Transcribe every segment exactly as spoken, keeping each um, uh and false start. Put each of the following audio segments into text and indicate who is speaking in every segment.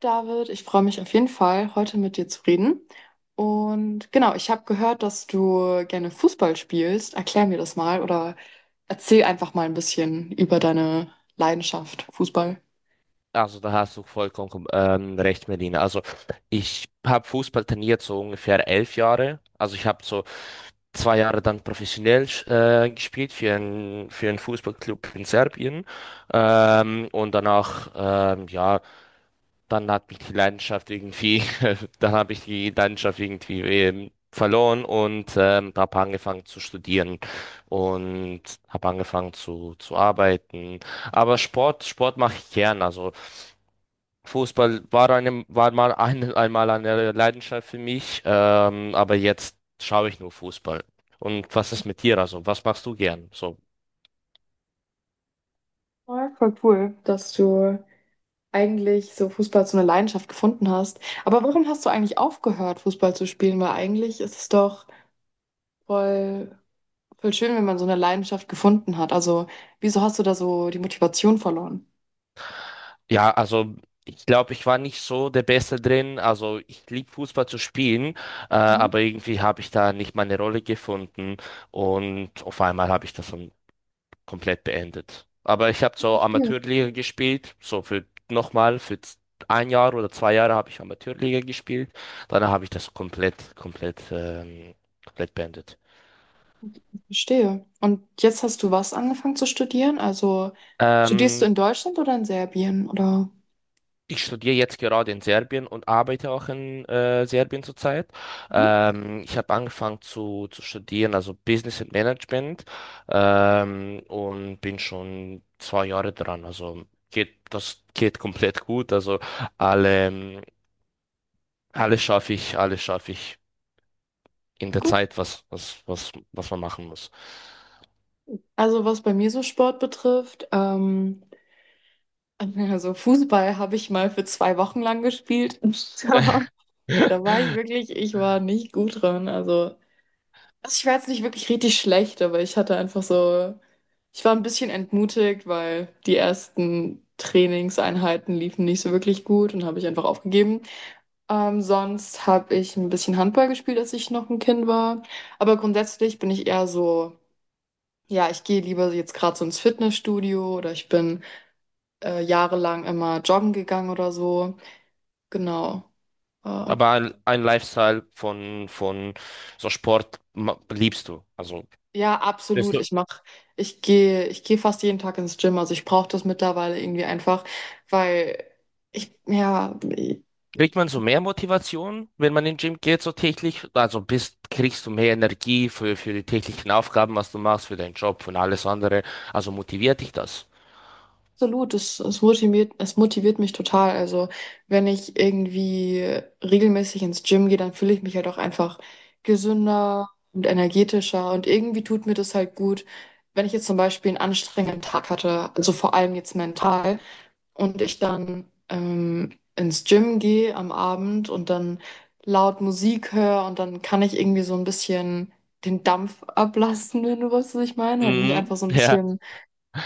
Speaker 1: David, ich freue mich auf jeden Fall, heute mit dir zu reden. Und genau, ich habe gehört, dass du gerne Fußball spielst. Erklär mir das mal oder erzähl einfach mal ein bisschen über deine Leidenschaft Fußball.
Speaker 2: Also da hast du vollkommen kom- ähm, recht, Melina. Also ich habe Fußball trainiert so ungefähr elf Jahre. Also ich habe so zwei Jahre dann professionell äh, gespielt für einen für einen Fußballclub in Serbien. Ähm, und danach, ähm, ja, dann hat mich die Leidenschaft irgendwie, dann habe ich die Leidenschaft irgendwie ähm, verloren und ähm, habe angefangen zu studieren und habe angefangen zu, zu arbeiten. Aber Sport, Sport mache ich gern. Also Fußball war, eine, war mal ein, einmal eine Leidenschaft für mich, ähm, aber jetzt schaue ich nur Fußball. Und was ist mit dir? Also, was machst du gern? So,
Speaker 1: Ja, voll cool, dass du eigentlich so Fußball zu einer Leidenschaft gefunden hast. Aber warum hast du eigentlich aufgehört, Fußball zu spielen? Weil eigentlich ist es doch voll, voll schön, wenn man so eine Leidenschaft gefunden hat. Also, wieso hast du da so die Motivation verloren?
Speaker 2: ja, also ich glaube, ich war nicht so der Beste drin. Also ich liebe Fußball zu spielen, äh,
Speaker 1: Mhm,
Speaker 2: aber irgendwie habe ich da nicht meine Rolle gefunden und auf einmal habe ich das dann komplett beendet. Aber ich habe so
Speaker 1: verstehe.
Speaker 2: Amateurliga gespielt, so für nochmal für z- ein Jahr oder zwei Jahre habe ich Amateurliga gespielt. Danach habe ich das komplett, komplett, ähm, komplett beendet.
Speaker 1: Verstehe. Und jetzt hast du was angefangen zu studieren? Also studierst du
Speaker 2: Ähm,
Speaker 1: in Deutschland oder in Serbien? Oder?
Speaker 2: Ich studiere jetzt gerade in Serbien und arbeite auch in äh, Serbien zurzeit.
Speaker 1: Mhm.
Speaker 2: Ähm, ich habe angefangen zu, zu studieren, also Business and Management, ähm, und bin schon zwei Jahre dran. Also geht, das geht komplett gut. Also alle ähm, alles schaffe ich, alles schaffe ich in der
Speaker 1: Gut.
Speaker 2: Zeit, was, was, was, was man machen muss.
Speaker 1: Also was bei mir so Sport betrifft, ähm, also Fußball habe ich mal für zwei Wochen lang gespielt. Aber da war ich wirklich, ich war nicht gut drin. Also, also ich war jetzt nicht wirklich richtig schlecht, aber ich hatte einfach so, ich war ein bisschen entmutigt, weil die ersten Trainingseinheiten liefen nicht so wirklich gut und habe ich einfach aufgegeben. Ähm, sonst habe ich ein bisschen Handball gespielt, als ich noch ein Kind war. Aber grundsätzlich bin ich eher so, ja, ich gehe lieber jetzt gerade so ins Fitnessstudio oder ich bin äh, jahrelang immer joggen gegangen oder so. Genau. Äh,
Speaker 2: Aber ein, ein Lifestyle von, von so Sport ma- liebst du. Also
Speaker 1: ja,
Speaker 2: Bist
Speaker 1: absolut. Ich mach, ich gehe, ich gehe fast jeden Tag ins Gym. Also ich brauche das mittlerweile irgendwie einfach, weil ich, ja,
Speaker 2: kriegt man so mehr Motivation, wenn man in den Gym geht, so täglich? Also bist, kriegst du mehr Energie für, für die täglichen Aufgaben, was du machst, für deinen Job und alles andere. Also motiviert dich das?
Speaker 1: absolut, es, es motiviert, es motiviert mich total. Also, wenn ich irgendwie regelmäßig ins Gym gehe, dann fühle ich mich halt auch einfach gesünder und energetischer und irgendwie tut mir das halt gut. Wenn ich jetzt zum Beispiel einen anstrengenden Tag hatte, also vor allem jetzt mental, und ich dann ähm, ins Gym gehe am Abend und dann laut Musik höre und dann kann ich irgendwie so ein bisschen den Dampf ablassen, wenn du weißt, was ich meine, halt mich
Speaker 2: Mhm,
Speaker 1: einfach so ein
Speaker 2: ja.
Speaker 1: bisschen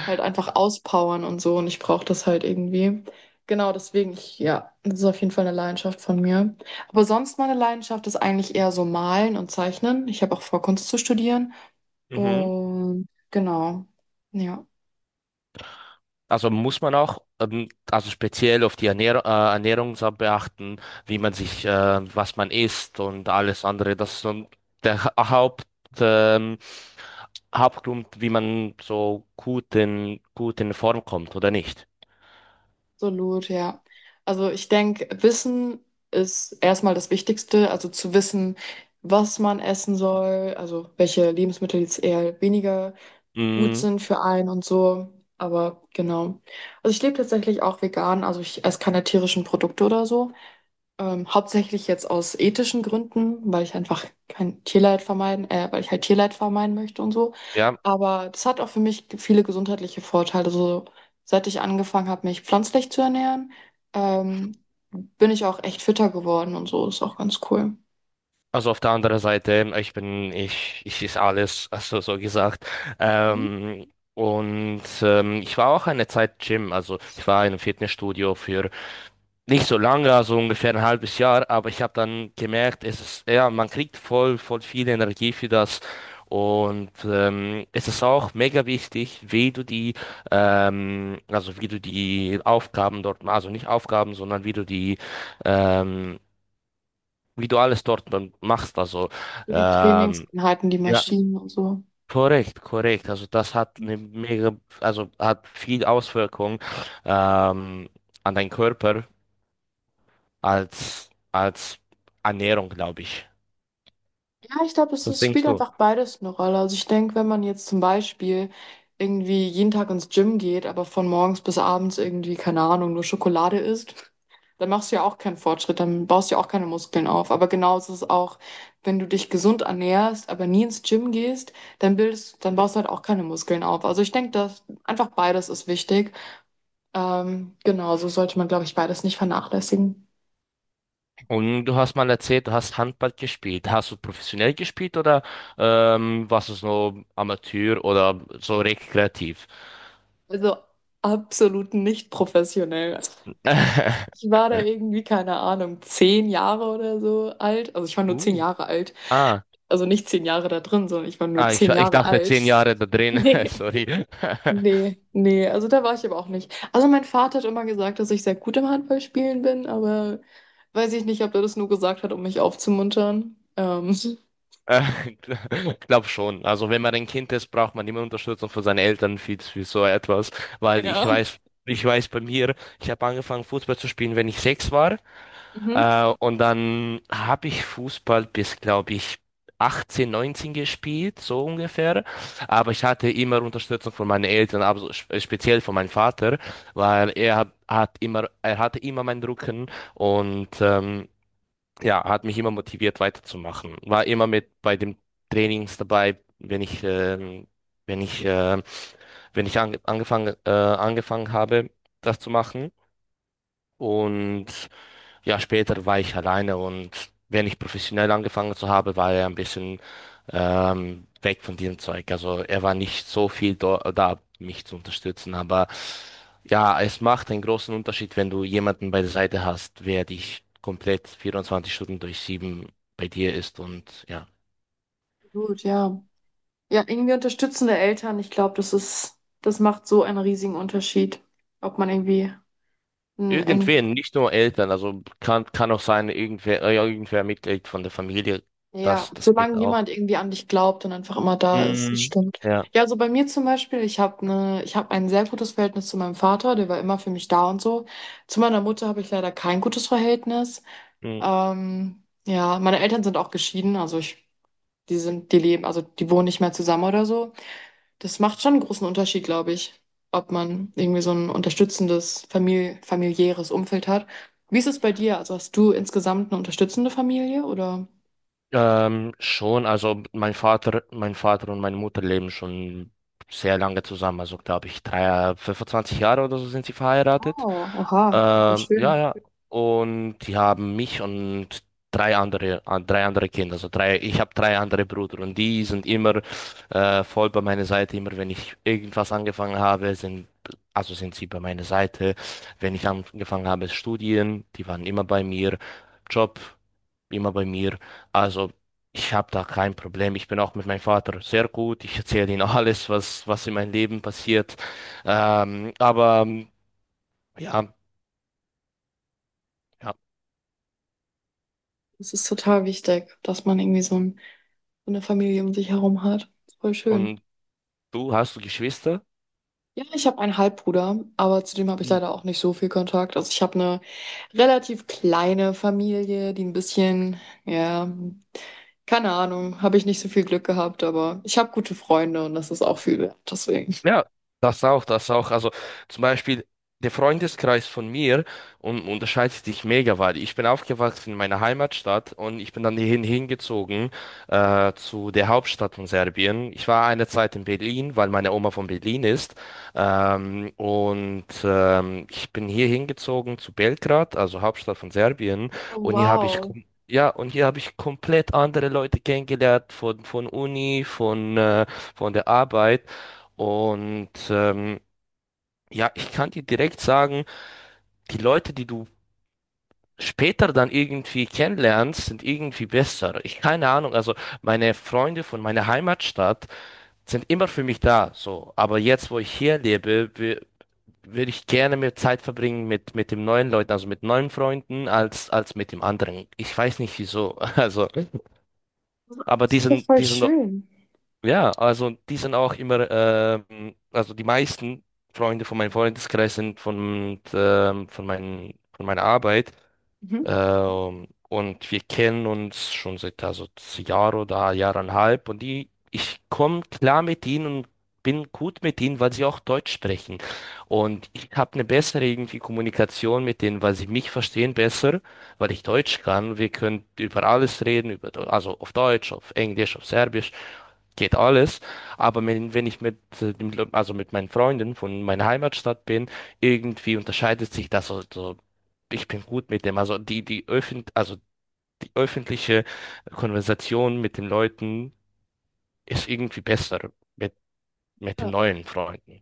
Speaker 1: halt einfach auspowern und so und ich brauche das halt irgendwie. Genau, deswegen, ich, ja, das ist auf jeden Fall eine Leidenschaft von mir. Aber sonst meine Leidenschaft ist eigentlich eher so Malen und Zeichnen. Ich habe auch vor, Kunst zu studieren.
Speaker 2: Mhm.
Speaker 1: Und genau, ja,
Speaker 2: Also muss man auch, ähm, also speziell auf die Ernährung, äh, Ernährungsart beachten, wie man sich, äh, was man isst und alles andere. Das ist so der Ha- Haupt, ähm, Hauptgrund, wie man so gut in, gut in Form kommt oder nicht.
Speaker 1: absolut, ja. Also ich denke, Wissen ist erstmal das Wichtigste, also zu wissen, was man essen soll, also welche Lebensmittel jetzt eher weniger gut
Speaker 2: Mhm,
Speaker 1: sind für einen und so. Aber genau. Also ich lebe tatsächlich auch vegan, also ich esse keine tierischen Produkte oder so. Ähm, hauptsächlich jetzt aus ethischen Gründen, weil ich einfach kein Tierleid vermeiden, äh, weil ich halt Tierleid vermeiden möchte und so.
Speaker 2: ja,
Speaker 1: Aber das hat auch für mich viele gesundheitliche Vorteile. So, seit ich angefangen habe, mich pflanzlich zu ernähren, ähm, bin ich auch echt fitter geworden und so. Ist auch ganz cool.
Speaker 2: also auf der anderen Seite, ich bin, ich, ich ist alles, also so gesagt.
Speaker 1: Mhm.
Speaker 2: Ähm, und ähm, ich war auch eine Zeit Gym, also ich war in einem Fitnessstudio für nicht so lange, also ungefähr ein halbes Jahr, aber ich habe dann gemerkt, es ist, ja, man kriegt voll, voll viel Energie für das. Und ähm, es ist auch mega wichtig, wie du die, ähm, also wie du die Aufgaben dort, also nicht Aufgaben, sondern wie du die, ähm, wie du alles dort dann machst. Also
Speaker 1: So die
Speaker 2: ähm,
Speaker 1: Trainingseinheiten, die
Speaker 2: ja,
Speaker 1: Maschinen und so.
Speaker 2: korrekt, korrekt. Also das hat eine mega, also hat viel Auswirkung ähm, an deinen Körper als, als Ernährung, glaube ich.
Speaker 1: Ja, ich glaube, es
Speaker 2: Was
Speaker 1: ist,
Speaker 2: denkst
Speaker 1: spielt
Speaker 2: du?
Speaker 1: einfach beides eine Rolle. Also ich denke, wenn man jetzt zum Beispiel irgendwie jeden Tag ins Gym geht, aber von morgens bis abends irgendwie, keine Ahnung, nur Schokolade isst, dann machst du ja auch keinen Fortschritt, dann baust du ja auch keine Muskeln auf. Aber genauso ist es auch, wenn du dich gesund ernährst, aber nie ins Gym gehst, dann bildest, dann baust du halt auch keine Muskeln auf. Also ich denke, dass einfach beides ist wichtig. Ähm, genau, so sollte man, glaube ich, beides nicht vernachlässigen.
Speaker 2: Und du hast mal erzählt, du hast Handball gespielt. Hast du professionell gespielt oder ähm, warst du so Amateur oder so rekreativ?
Speaker 1: Also absolut nicht professionell. Ich war da irgendwie, keine Ahnung, zehn Jahre oder so alt. Also ich war nur zehn
Speaker 2: Uh.
Speaker 1: Jahre alt.
Speaker 2: Ah,
Speaker 1: Also nicht zehn Jahre da drin, sondern ich war nur
Speaker 2: ah ich,
Speaker 1: zehn
Speaker 2: ich
Speaker 1: Jahre
Speaker 2: dachte
Speaker 1: alt.
Speaker 2: zehn Jahre da drin.
Speaker 1: Nee,
Speaker 2: Sorry.
Speaker 1: nee, nee. Also da war ich aber auch nicht. Also mein Vater hat immer gesagt, dass ich sehr gut im Handballspielen bin, aber weiß ich nicht, ob er das nur gesagt hat, um mich aufzumuntern. Ähm,
Speaker 2: Äh, Glaub schon. Also wenn man ein Kind ist, braucht man immer Unterstützung von seinen Eltern für, für so etwas. Weil ich
Speaker 1: ja.
Speaker 2: weiß, ich weiß bei mir, ich habe angefangen Fußball zu spielen, wenn ich sechs war.
Speaker 1: Mhm.
Speaker 2: Äh, und dann habe ich Fußball bis, glaube ich, achtzehn, neunzehn gespielt, so ungefähr. Aber ich hatte immer Unterstützung von meinen Eltern, aber so spe- speziell von meinem Vater, weil er hat, hat immer, er hatte immer meinen Rücken und ähm, ja, hat mich immer motiviert weiterzumachen. War immer mit bei den Trainings dabei, wenn ich, ähm, wenn ich, äh, wenn ich ange angefangen, äh, angefangen habe, das zu machen. Und ja, später war ich alleine und wenn ich professionell angefangen zu habe, war er ein bisschen ähm, weg von diesem Zeug. Also er war nicht so viel do- da, mich zu unterstützen. Aber ja, es macht einen großen Unterschied, wenn du jemanden bei der Seite hast, wer dich komplett vierundzwanzig Stunden durch sieben bei dir ist und ja.
Speaker 1: Gut, ja. Ja, irgendwie unterstützende Eltern. Ich glaube, das ist, das macht so einen riesigen Unterschied, ob man irgendwie ein, ein
Speaker 2: Irgendwen, nicht nur Eltern, also kann, kann auch sein, irgendwer, äh, irgendwer Mitglied von der Familie,
Speaker 1: Ja,
Speaker 2: das, das geht
Speaker 1: solange
Speaker 2: auch.
Speaker 1: jemand irgendwie an dich glaubt und einfach immer da ist, das
Speaker 2: Mm,
Speaker 1: stimmt.
Speaker 2: ja.
Speaker 1: Ja, also bei mir zum Beispiel, ich habe ne, ich habe ein sehr gutes Verhältnis zu meinem Vater, der war immer für mich da und so. Zu meiner Mutter habe ich leider kein gutes Verhältnis. Ähm, ja, meine Eltern sind auch geschieden, also ich, die sind, die leben, also die wohnen nicht mehr zusammen oder so. Das macht schon einen großen Unterschied, glaube ich, ob man irgendwie so ein unterstützendes famili familiäres Umfeld hat. Wie ist es bei dir? Also hast du insgesamt eine unterstützende Familie oder?
Speaker 2: Ähm, schon, also mein Vater, mein Vater und meine Mutter leben schon sehr lange zusammen, also glaube ich, drei, fünfundzwanzig Jahre oder so sind sie verheiratet.
Speaker 1: Oh, aha, voll
Speaker 2: Ähm,
Speaker 1: schön.
Speaker 2: ja, ja. Und die haben mich und drei andere, an- drei andere Kinder, also drei, ich habe drei andere Brüder und die sind immer äh, voll bei meiner Seite, immer wenn ich irgendwas angefangen habe, sind Also sind sie bei meiner Seite. Wenn ich angefangen habe, Studien, die waren immer bei mir. Job immer bei mir. Also ich habe da kein Problem. Ich bin auch mit meinem Vater sehr gut. Ich erzähle ihm alles, was, was in meinem Leben passiert. Ähm, aber ähm, ja, ja.
Speaker 1: Das ist total wichtig, dass man irgendwie so, ein, so eine Familie um sich herum hat. Voll schön.
Speaker 2: Und du, hast du Geschwister?
Speaker 1: Ja, ich habe einen Halbbruder, aber zu dem habe ich leider auch nicht so viel Kontakt. Also ich habe eine relativ kleine Familie, die ein bisschen, ja, keine Ahnung, habe ich nicht so viel Glück gehabt, aber ich habe gute Freunde und das ist auch viel wert, deswegen.
Speaker 2: Ja, das auch, das auch. Also zum Beispiel der Freundeskreis von mir un- unterscheidet sich mega, weil ich bin aufgewachsen in meiner Heimatstadt und ich bin dann hierhin hingezogen äh, zu der Hauptstadt von Serbien. Ich war eine Zeit in Berlin, weil meine Oma von Berlin ist. Ähm, und ähm, ich bin hier hingezogen zu Belgrad, also Hauptstadt von Serbien.
Speaker 1: Oh,
Speaker 2: Und hier habe ich
Speaker 1: wow,
Speaker 2: kom- ja, und hier habe ich komplett andere Leute kennengelernt von, von Uni, von, äh, von der Arbeit. Und ähm, ja, ich kann dir direkt sagen, die Leute, die du später dann irgendwie kennenlernst, sind irgendwie besser. Ich keine Ahnung, also meine Freunde von meiner Heimatstadt sind immer für mich da, so. Aber jetzt, wo ich hier lebe, wi- würde ich gerne mehr Zeit verbringen mit mit den neuen Leuten, also mit neuen Freunden, als als mit dem anderen. Ich weiß nicht wieso. Also, aber
Speaker 1: das ist ja
Speaker 2: diesen
Speaker 1: voll
Speaker 2: diesen
Speaker 1: schön.
Speaker 2: Ja, also die sind auch immer, ähm, also die meisten Freunde von meinem Freundeskreis sind von, ähm, von meinen, von meiner Arbeit.
Speaker 1: Mhm.
Speaker 2: Ähm, und wir kennen uns schon seit also Jahr oder Jahreinhalb. Und die, ich komme klar mit ihnen und bin gut mit ihnen, weil sie auch Deutsch sprechen. Und ich habe eine bessere irgendwie Kommunikation mit denen, weil sie mich verstehen besser, weil ich Deutsch kann. Wir können über alles reden, über, also auf Deutsch, auf Englisch, auf Serbisch geht alles. Aber wenn, wenn ich mit, äh, dem, Le- also mit meinen Freunden von meiner Heimatstadt bin, irgendwie unterscheidet sich das. Also, ich bin gut mit dem. Also die, die öffent, also die öffentliche Konversation mit den Leuten ist irgendwie besser mit, mit den
Speaker 1: Ja.
Speaker 2: neuen Freunden.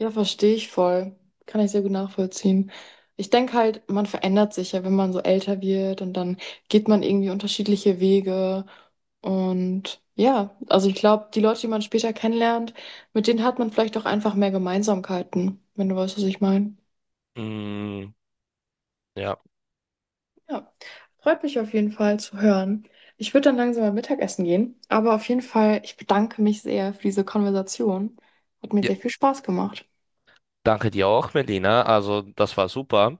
Speaker 1: Ja, verstehe ich voll. Kann ich sehr gut nachvollziehen. Ich denke halt, man verändert sich ja, wenn man so älter wird und dann geht man irgendwie unterschiedliche Wege. Und ja, also ich glaube, die Leute, die man später kennenlernt, mit denen hat man vielleicht auch einfach mehr Gemeinsamkeiten, wenn du weißt, was ich meine.
Speaker 2: Mm, ja.
Speaker 1: Ja, freut mich auf jeden Fall zu hören. Ich würde dann langsam mal Mittagessen gehen, aber auf jeden Fall, ich bedanke mich sehr für diese Konversation. Hat mir
Speaker 2: Ja,
Speaker 1: sehr viel Spaß gemacht.
Speaker 2: danke dir auch, Melina. Also das war super.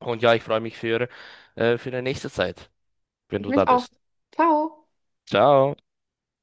Speaker 2: Und ja, ich freue mich für, äh, für die nächste Zeit, wenn
Speaker 1: Ich
Speaker 2: du da
Speaker 1: mich auch.
Speaker 2: bist.
Speaker 1: Ciao.
Speaker 2: Ciao.